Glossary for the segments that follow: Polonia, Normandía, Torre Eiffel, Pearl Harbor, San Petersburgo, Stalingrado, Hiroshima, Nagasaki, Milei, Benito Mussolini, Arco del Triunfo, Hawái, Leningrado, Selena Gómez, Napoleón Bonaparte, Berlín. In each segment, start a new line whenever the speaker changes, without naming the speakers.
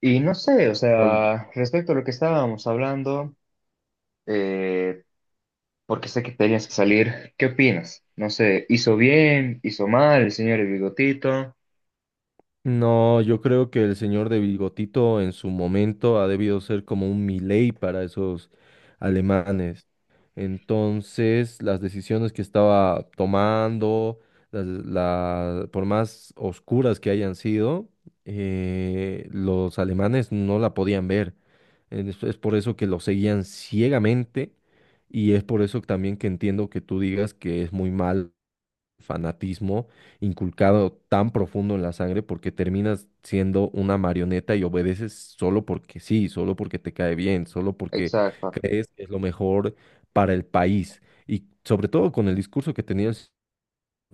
Y no sé, o
Ol-
sea, respecto a lo que estábamos hablando, eh, porque sé que tenías que salir, ¿qué opinas? No sé, ¿hizo bien, hizo mal el señor El Bigotito?
No, yo creo que el señor de Bigotito en su momento ha debido ser como un Milei para esos alemanes. Entonces, las decisiones que estaba tomando, las- la- por más oscuras que hayan sido, los alemanes no la podían ver. Es por eso que lo seguían ciegamente y es por eso también que entiendo que tú digas que es muy malo fanatismo inculcado tan profundo en la sangre porque terminas siendo una marioneta y obedeces solo porque sí, solo porque te cae bien, solo porque
Exacto.
crees que es lo mejor para el país. Y sobre todo con el discurso que tenía,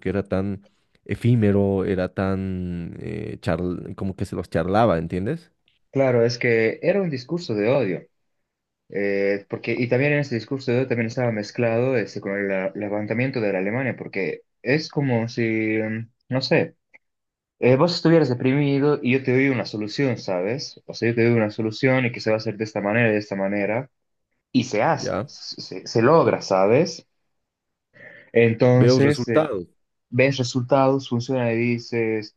que era tan efímero, era tan charl- como que se los charlaba, ¿entiendes?
Claro, es que era un discurso de odio, porque, y también en ese discurso de odio también estaba mezclado este, con el levantamiento de la Alemania, porque es como si, no sé, vos estuvieras deprimido y yo te doy una solución, ¿sabes? O sea, yo te doy una solución y que se va a hacer de esta manera, de esta manera. Y se hace,
Ya
se logra, ¿sabes?
veo
Entonces,
resultados,
ves resultados, funciona y dices,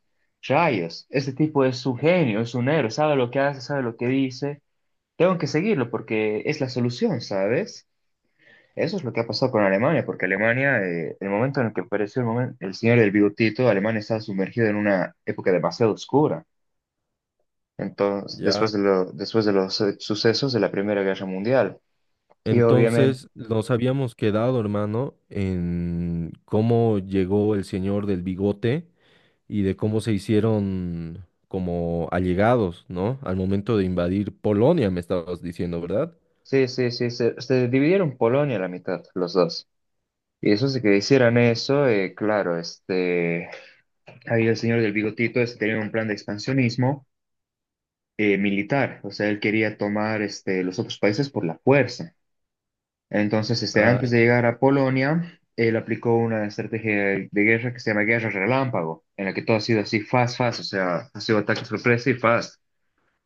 rayos, este tipo es un genio, es un héroe, sabe lo que hace, sabe lo que dice, tengo que seguirlo porque es la solución, ¿sabes? Eso es lo que ha pasado con Alemania, porque Alemania, el momento en el que apareció el señor del bigotito, Alemania estaba sumergida en una época demasiado oscura. Entonces, después
ya.
después de los sucesos de la Primera Guerra Mundial. Y obviamente
Entonces nos habíamos quedado, hermano, en cómo llegó el señor del bigote y de cómo se hicieron como allegados, ¿no? Al momento de invadir Polonia, me estabas diciendo, ¿verdad?
sí, sí, sí, se dividieron Polonia a la mitad, los dos. Y eso de que hicieran eso, claro, este, ahí el señor del bigotito este, tenía un plan de expansionismo militar, o sea, él quería tomar este, los otros países por la fuerza. Entonces, este,
Ah,
antes de
ya.
llegar a Polonia, él aplicó una estrategia de guerra que se llama guerra relámpago, en la que todo ha sido así, fast, fast, o sea, ha sido ataque sorpresa y fast.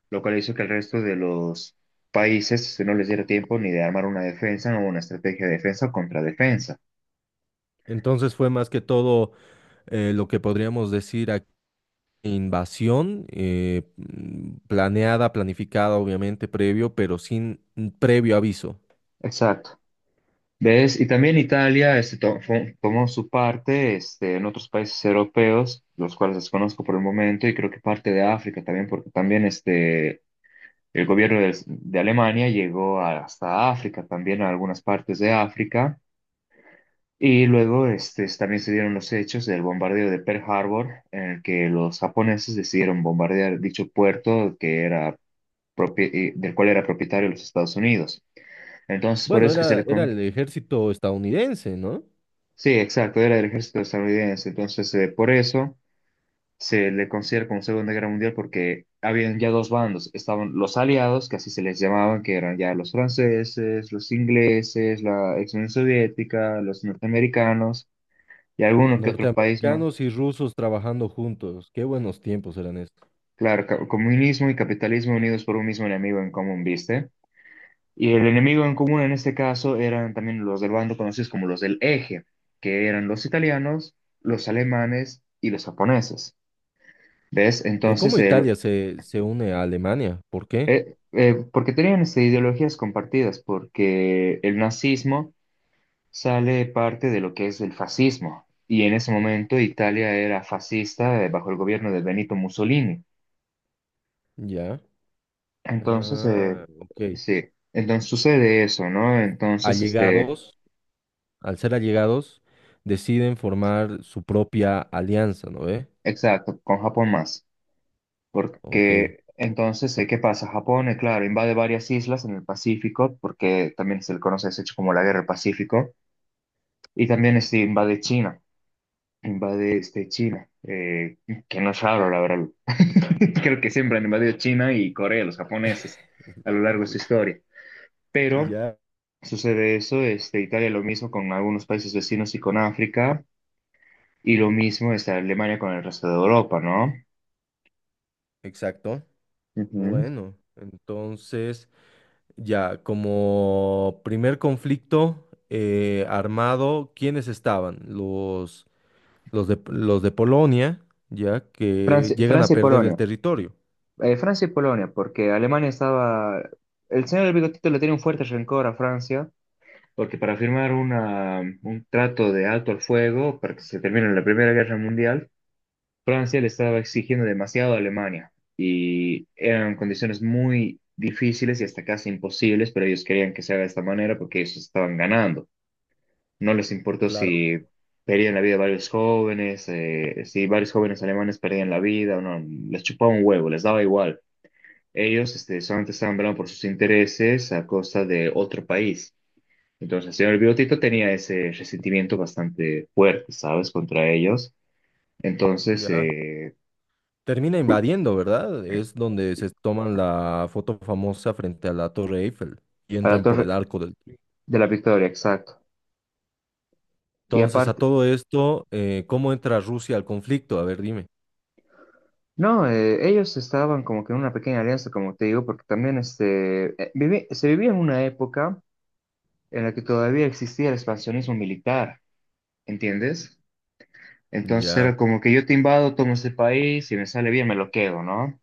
Lo cual hizo que el resto de los países este, no les diera tiempo ni de armar una defensa o una estrategia de defensa o contradefensa.
Entonces fue más que todo lo que podríamos decir aquí, invasión planeada, planificada, obviamente, previo, pero sin previo aviso.
Exacto. ¿Ves? Y también Italia este, tomó su parte este, en otros países europeos, los cuales desconozco por el momento, y creo que parte de África también, porque también este, el gobierno de Alemania hasta África, también a algunas partes de África. Y luego este, también se dieron los hechos del bombardeo de Pearl Harbor, en el que los japoneses decidieron bombardear dicho puerto que era del cual era propietario los Estados Unidos. Entonces, por
Bueno,
eso que se
era,
le...
era
con-
el ejército estadounidense, ¿no?
sí, exacto, era del ejército estadounidense. Entonces, por eso se le considera como Segunda Guerra Mundial porque habían ya dos bandos. Estaban los aliados, que así se les llamaban, que eran ya los franceses, los ingleses, la ex Unión Soviética, los norteamericanos y alguno que otro país más.
Norteamericanos y rusos trabajando juntos. Qué buenos tiempos eran estos.
Claro, comunismo y capitalismo unidos por un mismo enemigo en común, ¿viste? Y el enemigo en común en este caso eran también los del bando conocidos como los del Eje, que eran los italianos, los alemanes y los japoneses. ¿Ves?
De cómo
Entonces,
Italia se une a Alemania. ¿Por qué?
porque tenían este, ideologías compartidas, porque el nazismo sale parte de lo que es el fascismo. Y en ese momento Italia era fascista bajo el gobierno de Benito Mussolini.
Ya.
Entonces,
Ah, ok.
sí, entonces sucede eso, ¿no? Entonces, este,
Allegados, al ser allegados, deciden formar su propia alianza, ¿no ve?
exacto, con Japón más,
Ok.
porque entonces, ¿qué pasa? Japón, claro, invade varias islas en el Pacífico, porque también se le conoce ese hecho como la Guerra del Pacífico, y también este, invade China, invade este, China, que no es raro, la verdad. Creo que siempre han invadido China y Corea, los japoneses, a lo largo de su
Uy,
historia. Pero
ya.
sucede eso, este, Italia lo mismo con algunos países vecinos y con África. Y lo mismo está Alemania con el resto de Europa, ¿no?
Exacto.
Ujú.
Bueno, entonces, ya, como primer conflicto armado, ¿quiénes estaban? Los de Polonia, ya, que
Francia,
llegan a
Francia y
perder el
Polonia.
territorio.
Francia y Polonia, porque Alemania estaba... El señor del bigotito le tenía un fuerte rencor a Francia, porque para firmar un trato de alto al fuego, para que se termine la Primera Guerra Mundial, Francia le estaba exigiendo demasiado a Alemania. Y eran condiciones muy difíciles y hasta casi imposibles, pero ellos querían que se haga de esta manera porque ellos estaban ganando. No les importó
Claro.
si perdían la vida varios jóvenes, si varios jóvenes alemanes perdían la vida o no, les chupaba un huevo, les daba igual. Ellos este, solamente estaban velando por sus intereses a costa de otro país. Entonces, el señor Biotito tenía ese resentimiento bastante fuerte, ¿sabes?, contra ellos. Entonces,
Ya. Termina invadiendo, ¿verdad? Es donde se toman la foto famosa frente a la Torre Eiffel y
a la
entran por el
Torre
Arco del Triunfo.
de la Victoria, exacto. Y
Entonces, a
aparte,
todo esto, ¿cómo entra Rusia al conflicto? A ver, dime.
no, ellos estaban como que en una pequeña alianza, como te digo, porque también este, se vivía en una época en la que todavía existía el expansionismo militar, ¿entiendes? Entonces
Ya,
era como que yo te invado, tomo ese país, si me sale bien me lo quedo, ¿no?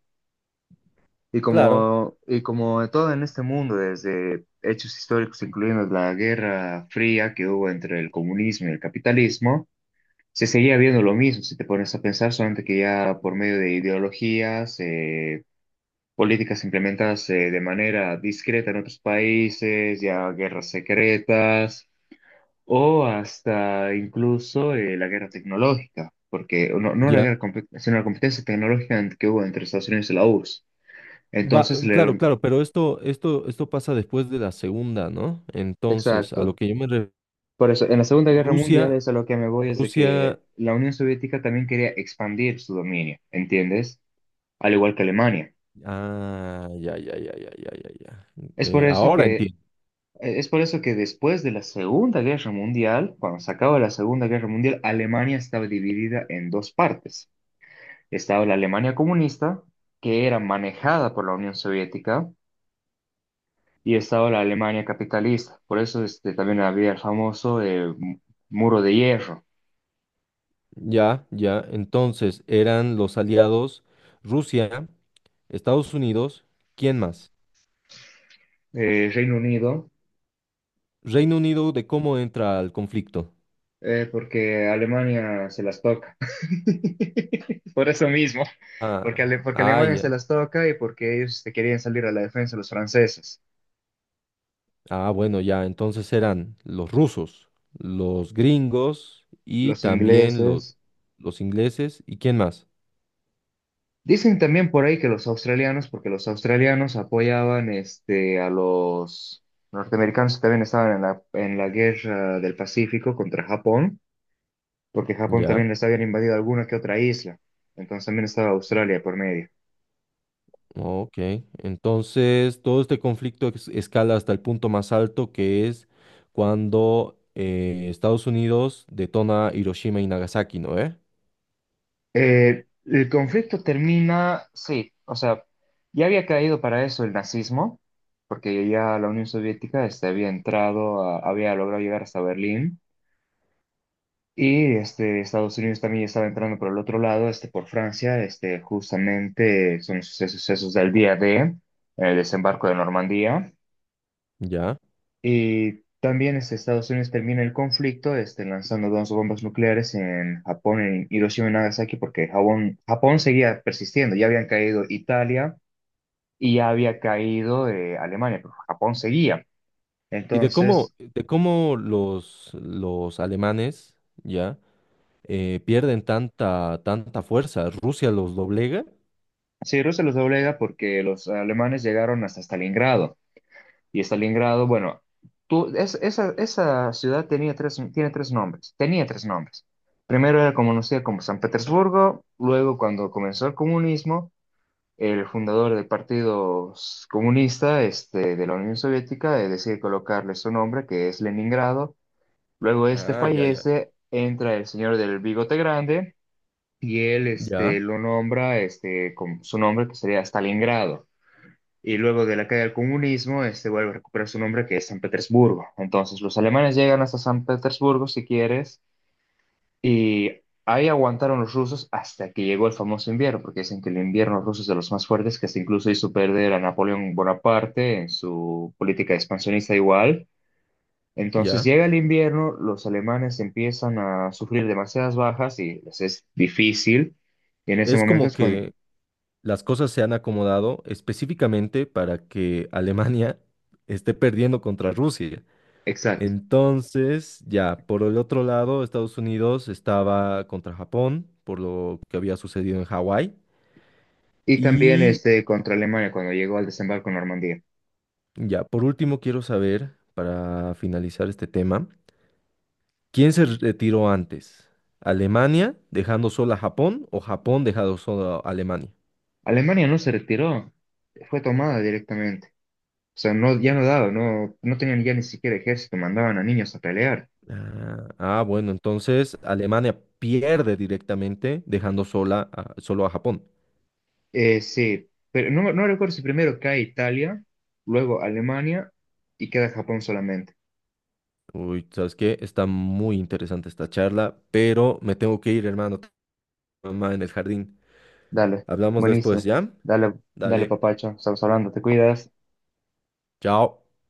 claro,
Y como todo en este mundo, desde hechos históricos, incluyendo la Guerra Fría que hubo entre el comunismo y el capitalismo, se seguía viendo lo mismo, si te pones a pensar, solamente que ya por medio de ideologías, políticas implementadas de manera discreta en otros países, ya guerras secretas o hasta incluso la guerra tecnológica, porque no la
ya.
guerra, sino la competencia tecnológica que hubo entre Estados Unidos y la URSS.
Va,
Entonces,
claro,
le-
claro, pero esto pasa después de la segunda, ¿no? Entonces, a lo
exacto.
que yo me refiero,
Por eso, en la Segunda Guerra Mundial
Rusia,
es a lo que me voy, es de que
Rusia,
la Unión Soviética también quería expandir su dominio, ¿entiendes? Al igual que Alemania.
ah, ya, ya, ya, ya, ya, ya, ya.
Es por eso
Ahora
que,
entiendo.
e, es por eso que después de la Segunda Guerra Mundial, cuando se acaba la Segunda Guerra Mundial, Alemania estaba dividida en dos partes. Estaba la Alemania comunista, que era manejada por la Unión Soviética, y estaba la Alemania capitalista. Por eso este, también había el famoso muro de hierro.
Ya, ya. Entonces, eran los aliados. Rusia, Estados Unidos, ¿quién más?
Reino Unido,
Reino Unido, ¿de cómo entra al conflicto?
porque Alemania se las toca. Por eso mismo,
Ah,
porque, porque
ah,
Alemania se
ya.
las toca y porque ellos este, querían salir a la defensa los franceses,
Ah, bueno, ya, entonces eran los rusos, los gringos y
los
también
ingleses.
los ingleses, ¿y quién más?
Dicen también por ahí que los australianos, porque los australianos apoyaban este, a los norteamericanos que también estaban en en la guerra del Pacífico contra Japón, porque Japón
Ya,
también les habían invadido alguna que otra isla. Entonces también estaba Australia por medio.
ok. Entonces, todo este conflicto es- escala hasta el punto más alto que es cuando Estados Unidos detona Hiroshima y Nagasaki, ¿no? ¿Eh?
El conflicto termina, sí, o sea, ya había caído para eso el nazismo, porque ya la Unión Soviética este, había entrado, había logrado llegar hasta Berlín. Y este, Estados Unidos también estaba entrando por el otro lado, este, por Francia, este, justamente son los sucesos, del día de el desembarco de Normandía.
Ya.
Y también este, Estados Unidos termina el conflicto este, lanzando dos bombas nucleares en Japón, en Hiroshima y Nagasaki, porque Japón, Japón seguía persistiendo. Ya habían caído Italia y ya había caído Alemania, pero Japón seguía.
Y
Entonces,
de cómo los alemanes ya pierden tanta fuerza. Rusia los doblega.
sí, Rusia los doblega porque los alemanes llegaron hasta Stalingrado. Y Stalingrado, bueno, tú, esa ciudad tenía tres, tiene tres nombres, tenía tres nombres. Primero era conocida como San Petersburgo, luego cuando comenzó el comunismo, el fundador del Partido Comunista este, de la Unión Soviética decide colocarle su nombre, que es Leningrado. Luego este
Ah, ya, ya.
fallece, entra el señor del bigote grande y él este,
Ya,
lo nombra este, con su nombre que sería Stalingrado y luego de la caída del comunismo, este vuelve a recuperar su nombre que es San Petersburgo. Entonces los alemanes llegan hasta San Petersburgo, si quieres, y ahí aguantaron los rusos hasta que llegó el famoso invierno, porque dicen que el invierno ruso es de los más fuertes, que hasta incluso hizo perder a Napoleón Bonaparte en su política expansionista igual. Entonces
ya.
llega el invierno, los alemanes empiezan a sufrir demasiadas bajas y les es difícil, y en ese
Es
momento
como
es cuando...
que las cosas se han acomodado específicamente para que Alemania esté perdiendo contra Rusia.
Exacto.
Entonces, ya, por el otro lado, Estados Unidos estaba contra Japón por lo que había sucedido en Hawái.
Y también
Y
este, contra Alemania cuando llegó al desembarco en Normandía.
ya, por último quiero saber, para finalizar este tema, ¿quién se retiró antes? ¿Alemania dejando sola a Japón o Japón dejando sola a Alemania?
Alemania no se retiró, fue tomada directamente. O sea, no, ya no daba, no, no tenían ya ni siquiera ejército, mandaban a niños a pelear.
Ah, ah, bueno, entonces Alemania pierde directamente dejando sola a- solo a Japón.
Sí, pero no, no recuerdo si primero cae Italia, luego Alemania y queda Japón solamente.
Uy, ¿sabes qué? Está muy interesante esta charla, pero me tengo que ir, hermano. Tengo Mamá en el jardín.
Dale,
Hablamos después,
buenísimo.
¿ya?
Dale, dale,
Dale,
papacho, estamos hablando, te cuidas.
chao.